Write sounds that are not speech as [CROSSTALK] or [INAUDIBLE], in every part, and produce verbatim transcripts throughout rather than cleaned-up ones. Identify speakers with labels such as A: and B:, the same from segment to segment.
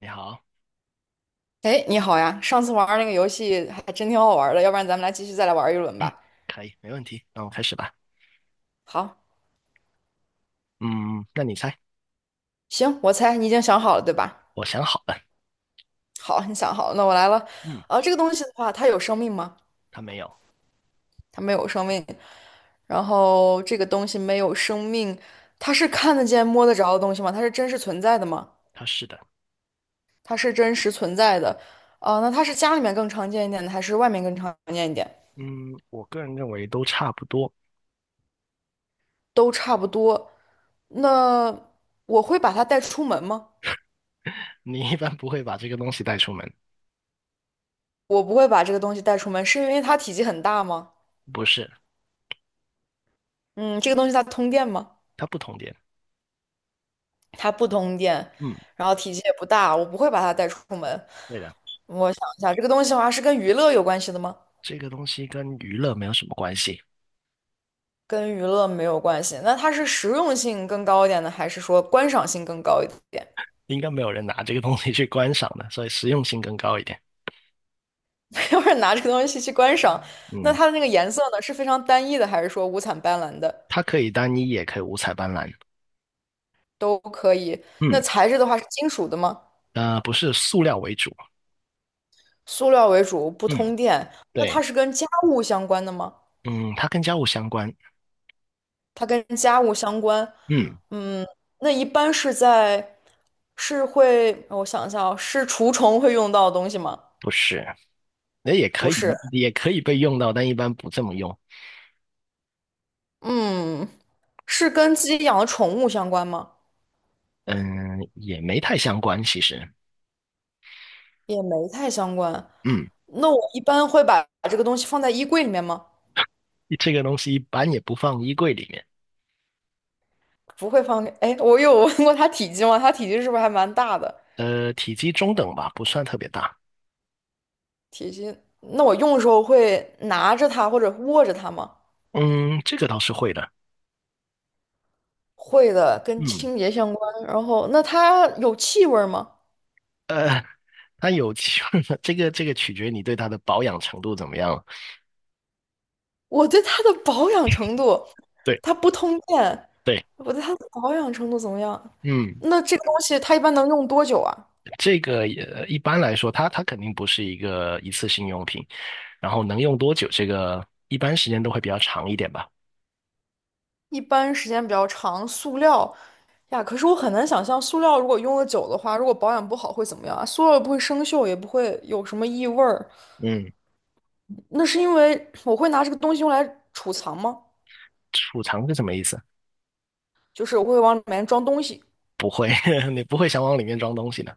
A: 你好，
B: 哎，你好呀！上次玩儿那个游戏还真挺好玩儿的，要不然咱们来继续再来玩儿一
A: [CLEARS THROAT]
B: 轮
A: 嗯，
B: 吧。
A: 可以，没问题，那我们开始吧。
B: 好，
A: 嗯，那你猜，
B: 行，我猜你已经想好了，对吧？
A: 我想好了。
B: 好，你想好了，那我来了。
A: 嗯，
B: 啊，这个东西的话，它有生命吗？
A: 他没有，
B: 它没有生命。然后这个东西没有生命，它是看得见、摸得着的东西吗？它是真实存在的吗？
A: 他是的。
B: 它是真实存在的。啊，那它是家里面更常见一点的，还是外面更常见一点？
A: 嗯，我个人认为都差不多。
B: 都差不多。那我会把它带出门吗？
A: 你一般不会把这个东西带出门，
B: 我不会把这个东西带出门，是因为它体积很大吗？
A: 不是，
B: 嗯，这个东西它通电吗？
A: 它不同点。
B: 它不通电，
A: 嗯，
B: 然后体积也不大，我不会把它带出门。
A: 对的，
B: 我想一下，这个东西的话是跟娱乐有关系的吗？
A: 这个东西跟娱乐没有什么关系，
B: 跟娱乐没有关系，那它是实用性更高一点呢？还是说观赏性更高一点？
A: 应该没有人拿这个东西去观赏的，所以实用性更高一点。
B: [LAUGHS] 要是拿这个东西去观赏，那
A: 嗯，
B: 它的那个颜色呢，是非常单一的，还是说五彩斑斓的
A: 它可以单一，也可以五彩斑斓。
B: 都可以？
A: 嗯，
B: 那材质的话是金属的吗？
A: 呃，不是塑料为主。
B: 塑料为主，不
A: 嗯，
B: 通电，那它
A: 对，
B: 是跟家务相关的吗？
A: 嗯，它跟家务相关。
B: 它跟家务相关。
A: 嗯，
B: 嗯，那一般是在，是会，我想一下哦，是除虫会用到的东西吗？
A: 不是。那也可
B: 不是，
A: 以，也可以被用到，但一般不这么用。
B: 嗯，是跟自己养的宠物相关吗？
A: 嗯，也没太相关，其实。
B: 也没太相关。
A: 嗯，
B: 那我一般会把这个东西放在衣柜里面吗？
A: 这个东西一般也不放衣柜里面。
B: 不会放给。哎，我有问过它体积吗？它体积是不是还蛮大的？
A: 呃，体积中等吧，不算特别大。
B: 体积，那我用的时候会拿着它或者握着它吗？
A: 嗯，这个倒是会的。
B: 会的，跟
A: 嗯，
B: 清洁相关。然后，那它有气味儿吗？
A: 呃，它有 [LAUGHS] 这个这个取决你对它的保养程度怎么样了。
B: 我对它的保养程度，
A: 对
B: 它不通电，
A: 对，
B: 我对它的保养程度怎么样？
A: 嗯，
B: 那这个东西它一般能用多久啊？
A: 这个也一般来说，它它肯定不是一个一次性用品，然后能用多久，这个一般时间都会比较长一点吧。
B: 一般时间比较长，塑料呀，可是我很难想象塑料如果用的久的话，如果保养不好会怎么样啊？塑料也不会生锈，也不会有什么异味儿。
A: 嗯，
B: 那是因为我会拿这个东西用来储藏吗？
A: 储藏是什么意思？
B: 就是我会往里面装东西。
A: 不会，[LAUGHS] 你不会想往里面装东西的。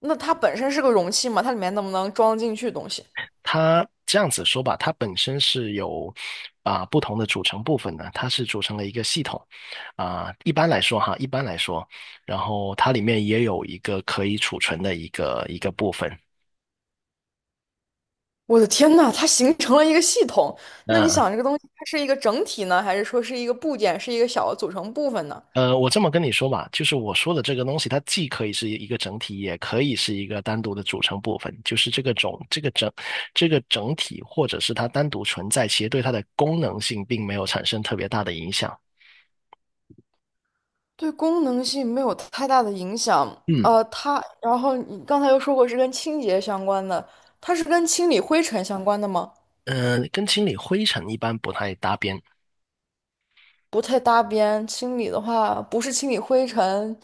B: 那它本身是个容器嘛，它里面能不能装得进去东西？
A: 它这样子说吧，它本身是有啊、不同的组成部分的，它是组成了一个系统啊、一般来说哈，一般来说，然后它里面也有一个可以储存的一个一个部分。
B: 我的天呐，它形成了一个系统。那你
A: 那
B: 想，这个东西它是一个整体呢，还是说是一个部件，是一个小的组成部分呢？
A: 呃，我这么跟你说吧，就是我说的这个东西，它既可以是一个整体，也可以是一个单独的组成部分。就是这个种这个整这个整体，或者是它单独存在，其实对它的功能性并没有产生特别大的影响。
B: 对功能性没有太大的影响。
A: 嗯。
B: 呃，它，然后你刚才又说过是跟清洁相关的，它是跟清理灰尘相关的吗？
A: 嗯、跟清理灰尘一般不太搭边，
B: 不太搭边。清理的话，不是清理灰尘，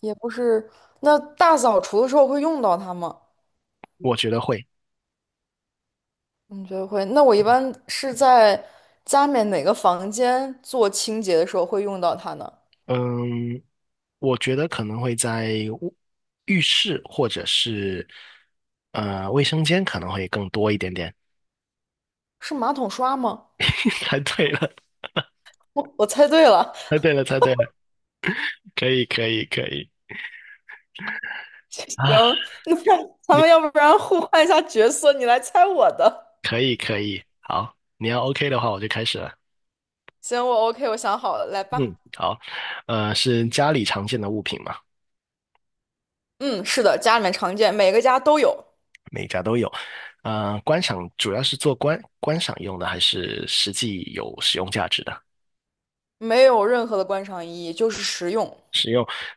B: 也不是。那大扫除的时候会用到它吗？
A: 我觉得会。
B: 你觉得会？那我一般是在家里面哪个房间做清洁的时候会用到它呢？
A: 嗯，我觉得可能会在卧浴室或者是呃卫生间可能会更多一点点。
B: 是马桶刷吗？
A: [LAUGHS] 猜对了，
B: 我我猜对了，
A: 猜对了，猜对了，可以，可以，可以
B: [LAUGHS]
A: 啊，
B: 行，那咱们要不然互换一下角色，你来猜我的。
A: 可以，可以。好，你要 OK 的话，我就开始了。
B: 行，我 OK，我想好了，来
A: 嗯，
B: 吧。
A: 好，呃，是家里常见的物品嘛，
B: 嗯，是的，家里面常见，每个家都有，
A: 每家都有。呃，观赏主要是做观观赏用的，还是实际有使用价值的？
B: 没有任何的观赏意义，就是实用。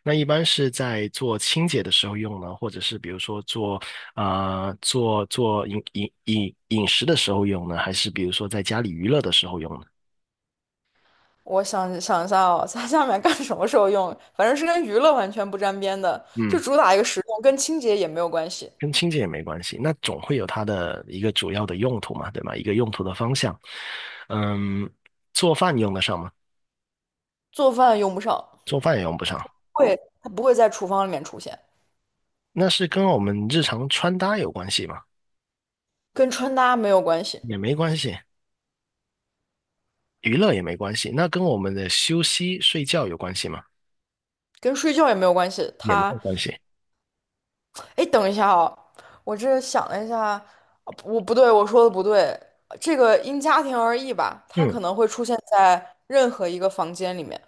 A: 那一般是在做清洁的时候用呢，或者是比如说做啊、做做饮饮饮饮食的时候用呢，还是比如说在家里娱乐的时候用呢？
B: 我想想一下哦，在下面干什么时候用？反正是跟娱乐完全不沾边的，就
A: 嗯，
B: 主打一个实用，跟清洁也没有关系。
A: 跟清洁也没关系，那总会有它的一个主要的用途嘛，对吧？一个用途的方向。嗯，做饭用得上吗？
B: 做饭用不上，
A: 做饭也用不上，
B: 会，它不会在厨房里面出现，
A: 那是跟我们日常穿搭有关系吗？
B: 跟穿搭没有关系，
A: 也没关系，娱乐也没关系，那跟我们的休息睡觉有关系吗？
B: 跟睡觉也没有关系，
A: 也没
B: 它
A: 有关系。
B: 哎，等一下哦，我这想了一下，呃我不对，我说的不对。这个因家庭而异吧，它
A: 嗯。
B: 可能会出现在任何一个房间里面，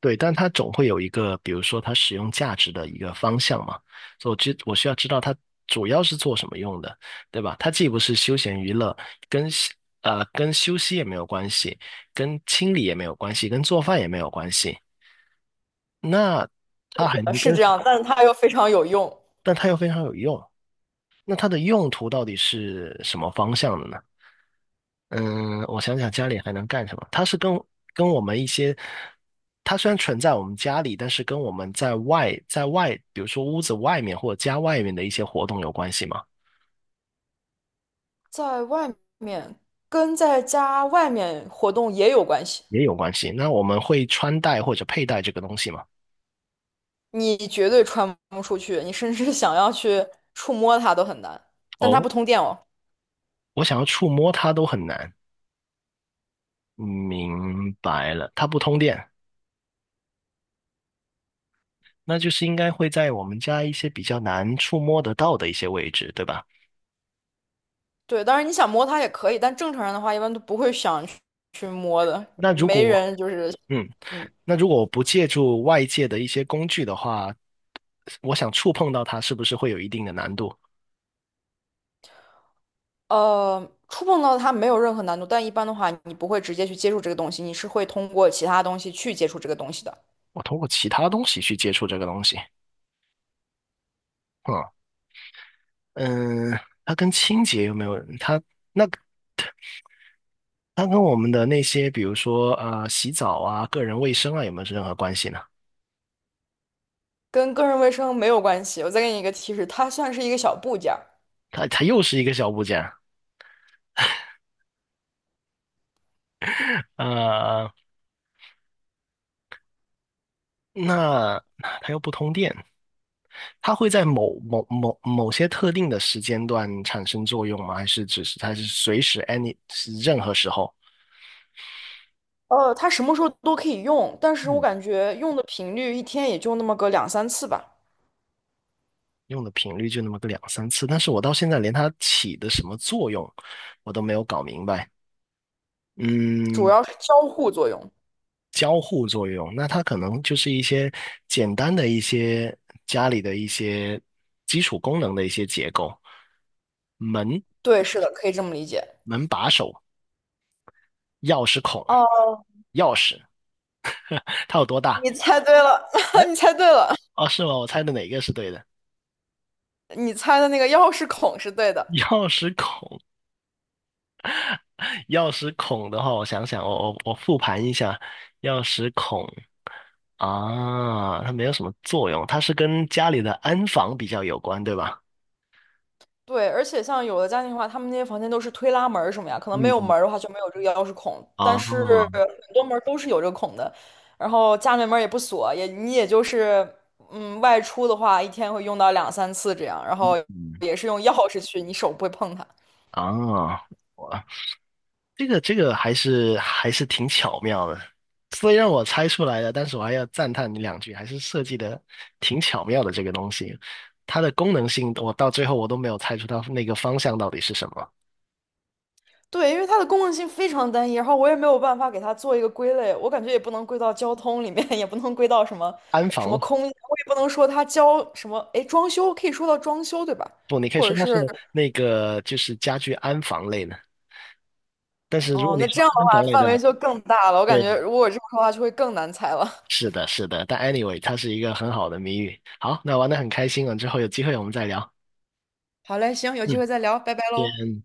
A: 对，但它总会有一个，比如说它使用价值的一个方向嘛，所以我知我需要知道它主要是做什么用的，对吧？它既不是休闲娱乐，跟休呃跟休息也没有关系，跟清理也没有关系，跟做饭也没有关系。那它还
B: 呃
A: 能
B: 是
A: 跟，
B: 这样，但是它又非常有用，
A: 但它又非常有用。那它的用途到底是什么方向的呢？嗯，我想想家里还能干什么？它是跟跟我们一些，它虽然存在我们家里，但是跟我们在外在外，比如说屋子外面或者家外面的一些活动有关系吗？
B: 在外面跟在家外面活动也有关系。
A: 也有关系。那我们会穿戴或者佩戴这个东西吗？
B: 你绝对穿不出去，你甚至想要去触摸它都很难，但它
A: 哦，
B: 不通电哦。
A: 我想要触摸它都很难。明白了，它不通电，那就是应该会在我们家一些比较难触摸得到的一些位置，对吧？
B: 对，当然你想摸它也可以，但正常人的话一般都不会想去去摸的，
A: 那如
B: 没
A: 果，
B: 人就是。
A: 嗯。
B: 嗯。
A: 那如果我不借助外界的一些工具的话，我想触碰到它，是不是会有一定的难度？
B: 呃，触碰到它没有任何难度，但一般的话，你不会直接去接触这个东西，你是会通过其他东西去接触这个东西的，
A: 我通过其他东西去接触这个东西，啊，嗯，它跟清洁有没有？它那它跟我们的那些，比如说呃，洗澡啊、个人卫生啊，有没有任何关系呢？
B: 跟个人卫生没有关系。我再给你一个提示，它算是一个小部件儿，
A: 它它又是一个小部件，呃，那它又不通电，它会在某某某某些特定的时间段产生作用吗？还是只是它是随时 any 是任何时候？
B: 呃，它什么时候都可以用，但是我
A: 嗯，
B: 感觉用的频率一天也就那么个两三次吧，
A: 用的频率就那么个两三次，但是我到现在连它起的什么作用，我都没有搞明白。
B: 主
A: 嗯，
B: 要是交互作用。
A: 交互作用，那它可能就是一些简单的一些家里的一些基础功能的一些结构，门、
B: 对，是的，可以这么理解。
A: 门把手、钥匙孔、
B: 哦，
A: 钥匙，它有多大？
B: 你猜对了，[LAUGHS] 你猜对了，
A: 哦，是吗？我猜的哪个是对的？
B: [LAUGHS] 你猜的那个钥匙孔是对的。
A: 钥匙孔，钥匙孔的话，我想想，我我我复盘一下，钥匙孔。啊，它没有什么作用，它是跟家里的安防比较有关，对吧？
B: 对，而且像有的家庭的话，他们那些房间都是推拉门儿什么呀，可能没有
A: 嗯，
B: 门儿的话就没有这个钥匙孔，
A: 啊
B: 但是很多门儿都是有这个孔的，然后家里门儿也不锁，也你也就是嗯外出的话，一天会用到两三次这样，然后也是用钥匙去，你手不会碰它。
A: 哦，哇，这个这个还是还是挺巧妙的，虽然我猜出来了，但是我还要赞叹你两句，还是设计的挺巧妙的这个东西，它的功能性我到最后我都没有猜出它那个方向到底是什么，
B: 对，因为它的功能性非常单一，然后我也没有办法给它做一个归类，我感觉也不能归到交通里面，[LAUGHS] 也不能归到什么
A: 安
B: 什么
A: 防
B: 空间我也不能说它交什么，哎，装修可以说到装修对吧？
A: 不，你可以
B: 或
A: 说
B: 者
A: 它是
B: 是。
A: 那个就是家居安防类的，但是如果
B: 哦，
A: 你
B: 那这
A: 说
B: 样的
A: 安防
B: 话
A: 类
B: 范
A: 的，
B: 围就更大了，我感
A: 对
B: 觉如果我这么说的话就会更难猜了。[LAUGHS]
A: 是的，是的，但 anyway,它是一个很好的谜语。好，那玩的很开心了，之后有机会我们再聊。
B: 好嘞，行，有机会再聊，拜拜喽。
A: 嗯，先